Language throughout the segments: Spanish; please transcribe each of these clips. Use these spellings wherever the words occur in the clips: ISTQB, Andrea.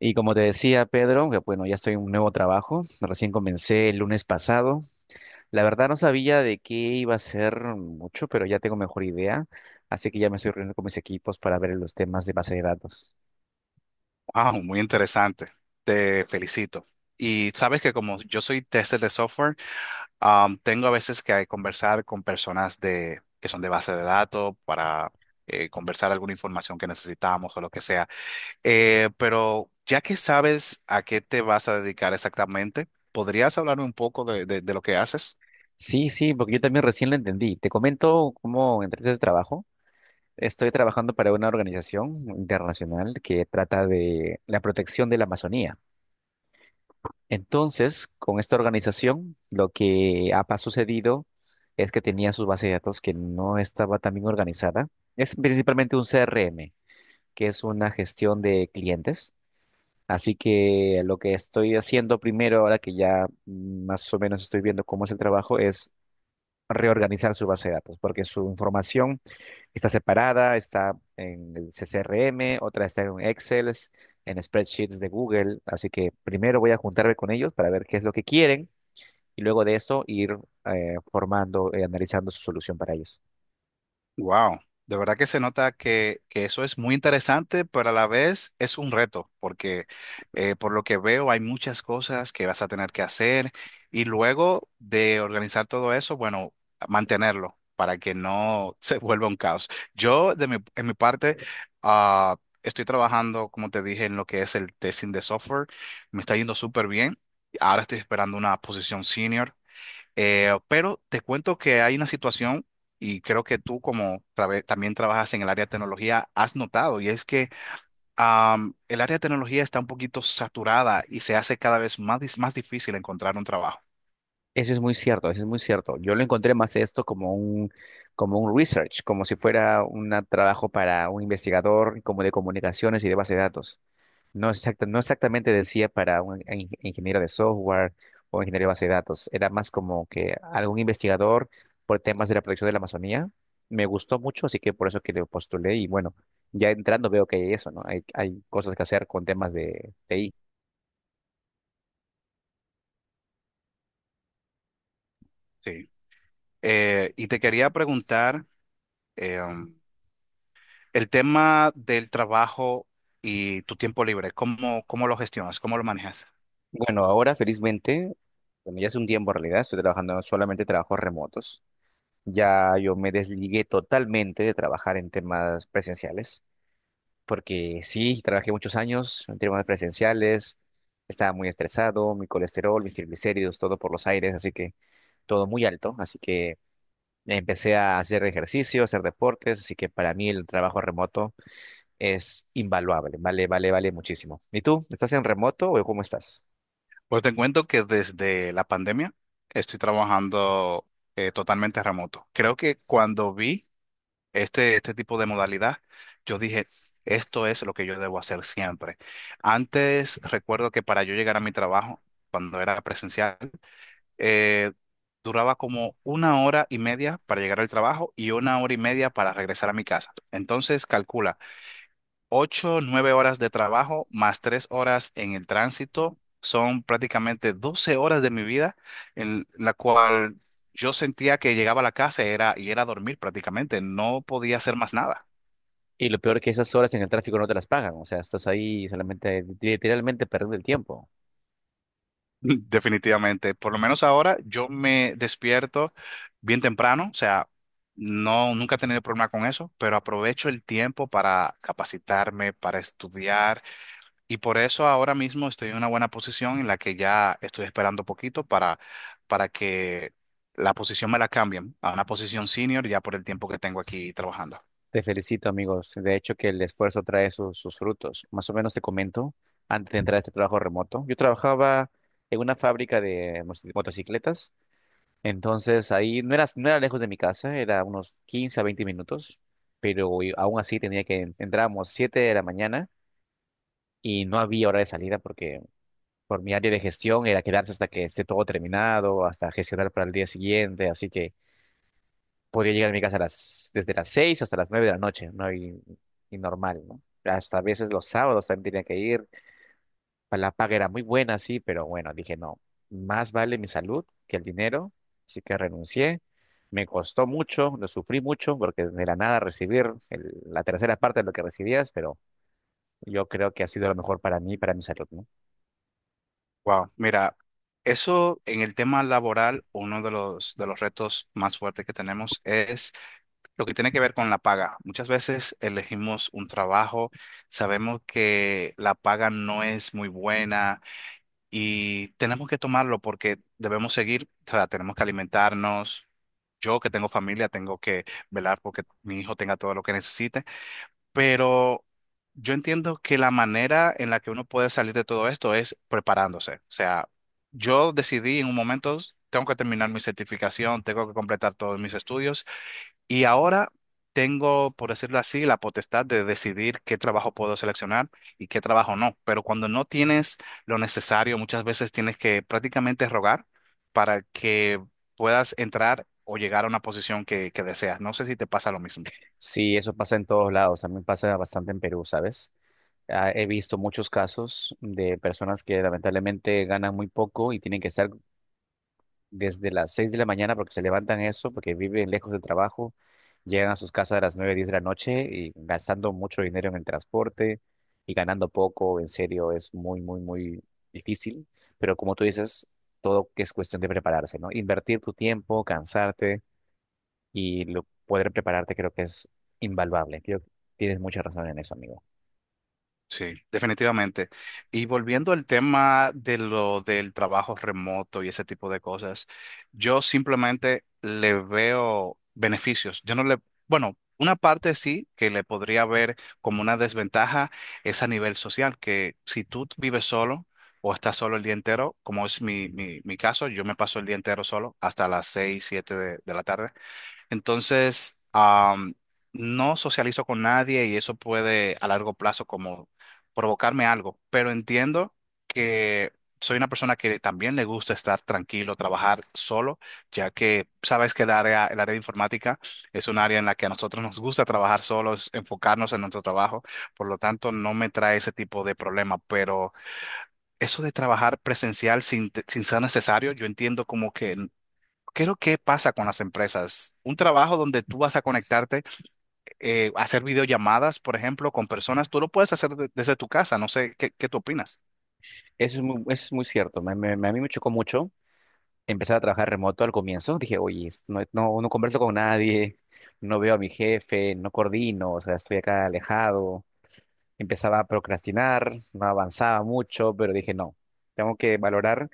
Y como te decía, Pedro, que bueno, ya estoy en un nuevo trabajo, recién comencé el lunes pasado. La verdad no sabía de qué iba a ser mucho, pero ya tengo mejor idea, así que ya me estoy reuniendo con mis equipos para ver los temas de base de datos. Ah, muy interesante. Te felicito. Y sabes que como yo soy tester de software, tengo a veces que conversar con personas que son de base de datos para conversar alguna información que necesitamos o lo que sea. Pero ya que sabes a qué te vas a dedicar exactamente, ¿podrías hablarme un poco de lo que haces? Sí, sí, porque yo también recién lo entendí. Te comento cómo entré a este trabajo. Estoy trabajando para una organización internacional que trata de la protección de la Amazonía. Entonces, con esta organización, lo que sucedido es que tenía sus bases de datos que no estaba tan bien organizada. Es principalmente un CRM, que es una gestión de clientes. Así que lo que estoy haciendo primero, ahora que ya más o menos estoy viendo cómo es el trabajo, es reorganizar su base de datos, porque su información está separada, está en el CRM, otra está en Excel, en spreadsheets de Google. Así que primero voy a juntarme con ellos para ver qué es lo que quieren y luego de esto ir formando y analizando su solución para ellos. Wow, de verdad que se nota que eso es muy interesante, pero a la vez es un reto, porque por lo que veo hay muchas cosas que vas a tener que hacer y luego de organizar todo eso, bueno, mantenerlo para que no se vuelva un caos. Yo, en mi parte, ah, estoy trabajando, como te dije, en lo que es el testing de software, me está yendo súper bien. Ahora estoy esperando una posición senior. Pero te cuento que hay una situación y creo que tú como también trabajas en el área de tecnología has notado y es que el área de tecnología está un poquito saturada y se hace cada vez más difícil encontrar un trabajo. Eso es muy cierto, eso es muy cierto. Yo lo encontré más esto como un research, como si fuera un trabajo para un investigador como de comunicaciones y de base de datos. No, no exactamente decía para un ingeniero de software o ingeniero de base de datos. Era más como que algún investigador por temas de la protección de la Amazonía. Me gustó mucho, así que por eso que lo postulé y bueno, ya entrando veo que hay eso, ¿no? Hay cosas que hacer con temas de Sí. Y te quería preguntar em, el tema del trabajo y tu tiempo libre, cómo lo gestionas? ¿Cómo lo manejas? bueno, ahora felizmente, bueno, ya hace un tiempo en realidad, estoy trabajando solamente trabajos remotos. Ya yo me desligué totalmente de trabajar en temas presenciales, porque sí, trabajé muchos años en temas presenciales, estaba muy estresado, mi colesterol, mis triglicéridos, todo por los aires, así que todo muy alto, así que empecé a hacer ejercicio, a hacer deportes, así que para mí el trabajo remoto es invaluable, vale, vale, vale muchísimo. ¿Y tú? ¿Estás en remoto o cómo estás? Pues te cuento que desde la pandemia estoy trabajando totalmente remoto. Creo que cuando vi este tipo de modalidad, yo dije, esto es lo que yo debo hacer siempre. Antes, recuerdo que para yo llegar a mi trabajo, cuando era presencial, eh, duraba como una hora y media para llegar al trabajo y una hora y media para regresar a mi casa. Entonces, calcula, ocho, nueve horas de trabajo más tres horas en el tránsito. Son prácticamente 12 horas de mi vida en la cual yo sentía que llegaba a la casa y y era dormir prácticamente, no podía hacer más nada. Y lo peor que esas horas en el tráfico no te las pagan, o sea, estás ahí solamente, literalmente perdiendo el tiempo. Definitivamente. Por lo menos ahora yo me despierto bien temprano, o sea, no, nunca he tenido problema con eso, pero aprovecho el tiempo para capacitarme, para estudiar y por eso ahora mismo estoy en una buena posición en la que ya estoy esperando poquito para que la posición me la cambien a una posición senior ya por el tiempo que tengo aquí trabajando. Te felicito, amigos. De hecho, que el esfuerzo trae sus, sus frutos. Más o menos te comento, antes de entrar a este trabajo remoto, yo trabajaba en una fábrica de motocicletas, entonces ahí no era, no era lejos de mi casa, era unos 15 a 20 minutos, pero aún así tenía que, entrábamos 7 de la mañana y no había hora de salida porque por mi área de gestión era quedarse hasta que esté todo terminado, hasta gestionar para el día siguiente, así que podía llegar a mi casa a las, desde las 6 hasta las 9 de la noche, ¿no? Y normal, ¿no? Hasta a veces los sábados también tenía que ir, la paga era muy buena, sí, pero bueno, dije, no, más vale mi salud que el dinero, así que renuncié. Me costó mucho, lo sufrí mucho, porque de la nada recibir la tercera parte de lo que recibías, pero yo creo que ha sido lo mejor para mí, y para mi salud, ¿no? Wow, mira, eso en el tema laboral, uno de los retos más fuertes que tenemos es lo que tiene que ver con la paga. Muchas veces elegimos un trabajo, sabemos que la paga no es muy buena y tenemos que tomarlo porque debemos seguir, o sea, tenemos que alimentarnos. Yo que tengo familia, tengo que velar porque mi hijo tenga todo lo que necesite, pero yo entiendo que la manera en la que uno puede salir de todo esto es preparándose. O sea, yo decidí en un momento, tengo que terminar mi certificación, tengo que completar todos mis estudios. Y ahora tengo, por decirlo así, la potestad de decidir qué trabajo puedo seleccionar y qué trabajo no. Pero cuando no tienes lo necesario, muchas veces tienes que prácticamente rogar para que puedas entrar o llegar a una posición que deseas. No sé si te pasa lo mismo. Sí, eso pasa en todos lados, también pasa bastante en Perú, ¿sabes? Ah, he visto muchos casos de personas que lamentablemente ganan muy poco y tienen que estar desde las 6 de la mañana porque se levantan eso, porque viven lejos del trabajo, llegan a sus casas a las 9, 10 de la noche y gastando mucho dinero en el transporte y ganando poco, en serio, es muy, muy, muy difícil, pero como tú dices, todo es cuestión de prepararse, ¿no? Invertir tu tiempo, cansarte y lo, poder prepararte creo que es invaluable. Creo que tienes mucha razón en eso, amigo. Sí, definitivamente. Y volviendo al tema de lo del trabajo remoto y ese tipo de cosas, yo simplemente le veo beneficios. Yo no le, bueno, una parte sí que le podría ver como una desventaja es a nivel social, que si tú vives solo o estás solo el día entero, como es mi caso, yo me paso el día entero solo hasta las seis, siete de la tarde. Entonces, no socializo con nadie y eso puede a largo plazo como provocarme algo, pero entiendo que soy una persona que también le gusta estar tranquilo, trabajar solo, ya que sabes que el área de informática es un área en la que a nosotros nos gusta trabajar solos, enfocarnos en nuestro trabajo, por lo tanto no me trae ese tipo de problema, pero eso de trabajar presencial sin ser necesario, yo entiendo como que ¿qué es lo que pasa con las empresas? Un trabajo donde tú vas a conectarte, hacer videollamadas, por ejemplo, con personas, tú lo puedes hacer desde tu casa. No sé, qué tú opinas? Eso es muy cierto. A mí me chocó mucho empezar a trabajar remoto al comienzo. Dije, oye, no, no, no converso con nadie, no veo a mi jefe, no coordino, o sea, estoy acá alejado. Empezaba a procrastinar, no avanzaba mucho, pero dije, no, tengo que valorar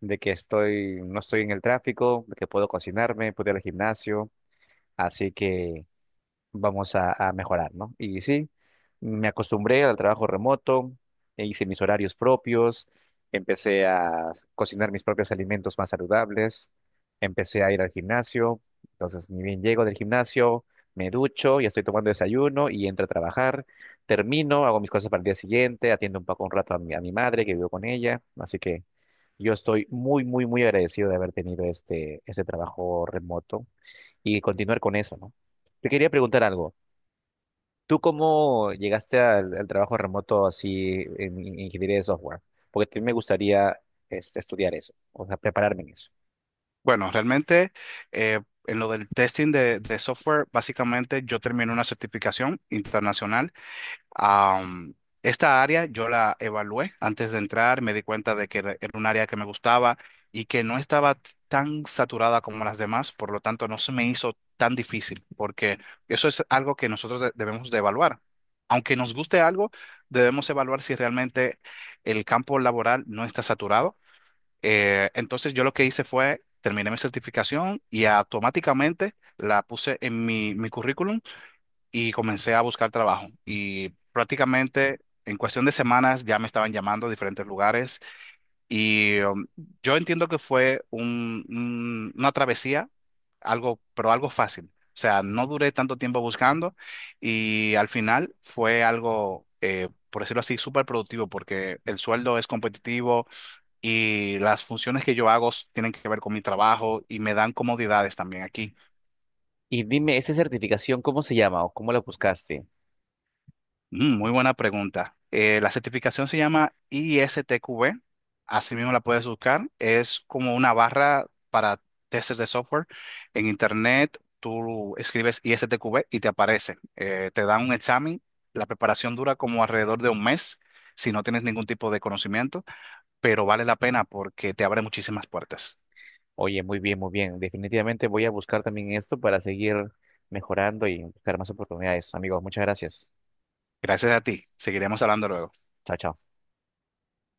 de que estoy, no estoy en el tráfico, de que puedo cocinarme, puedo ir al gimnasio. Así que vamos a mejorar, ¿no? Y sí, me acostumbré al trabajo remoto, e hice mis horarios propios, empecé a cocinar mis propios alimentos más saludables, empecé a ir al gimnasio, entonces ni bien llego del gimnasio, me ducho, ya estoy tomando desayuno y entro a trabajar, termino, hago mis cosas para el día siguiente, atiendo un poco un rato a mi madre que vivo con ella, así que yo estoy muy, muy, muy agradecido de haber tenido este, este trabajo remoto y continuar con eso, ¿no? Te quería preguntar algo. ¿Tú cómo llegaste al, al trabajo remoto así en ingeniería de software? Porque también me gustaría este, estudiar eso, o sea, prepararme en eso. Bueno, realmente eh, en lo del testing de software, básicamente yo terminé una certificación internacional. Am, esta área yo la evalué antes de entrar, me di cuenta de que era un área que me gustaba y que no estaba tan saturada como las demás, por lo tanto no se me hizo tan difícil, porque eso es algo que nosotros debemos de evaluar. Aunque nos guste algo, debemos evaluar si realmente el campo laboral no está saturado. Entonces yo lo que hice fue, terminé mi certificación y automáticamente la puse en mi currículum y comencé a buscar trabajo. Y prácticamente en cuestión de semanas ya me estaban llamando a diferentes lugares y yo entiendo que fue una travesía, algo, pero algo fácil. O sea, no duré tanto tiempo buscando y al final fue algo, por decirlo así, súper productivo porque el sueldo es competitivo y las funciones que yo hago tienen que ver con mi trabajo y me dan comodidades también aquí. Y dime, ¿esa certificación cómo se llama o cómo la buscaste? Muy buena pregunta. La certificación se llama ISTQB, así mismo la puedes buscar. Es como una barra para testers de software. En internet tú escribes ISTQB y te aparece. Te dan un examen. La preparación dura como alrededor de un mes si no tienes ningún tipo de conocimiento, pero vale la pena porque te abre muchísimas puertas. Oye, muy bien, muy bien. Definitivamente voy a buscar también esto para seguir mejorando y buscar más oportunidades. Amigos, muchas gracias. Gracias a ti. Seguiremos hablando luego. Chao, chao.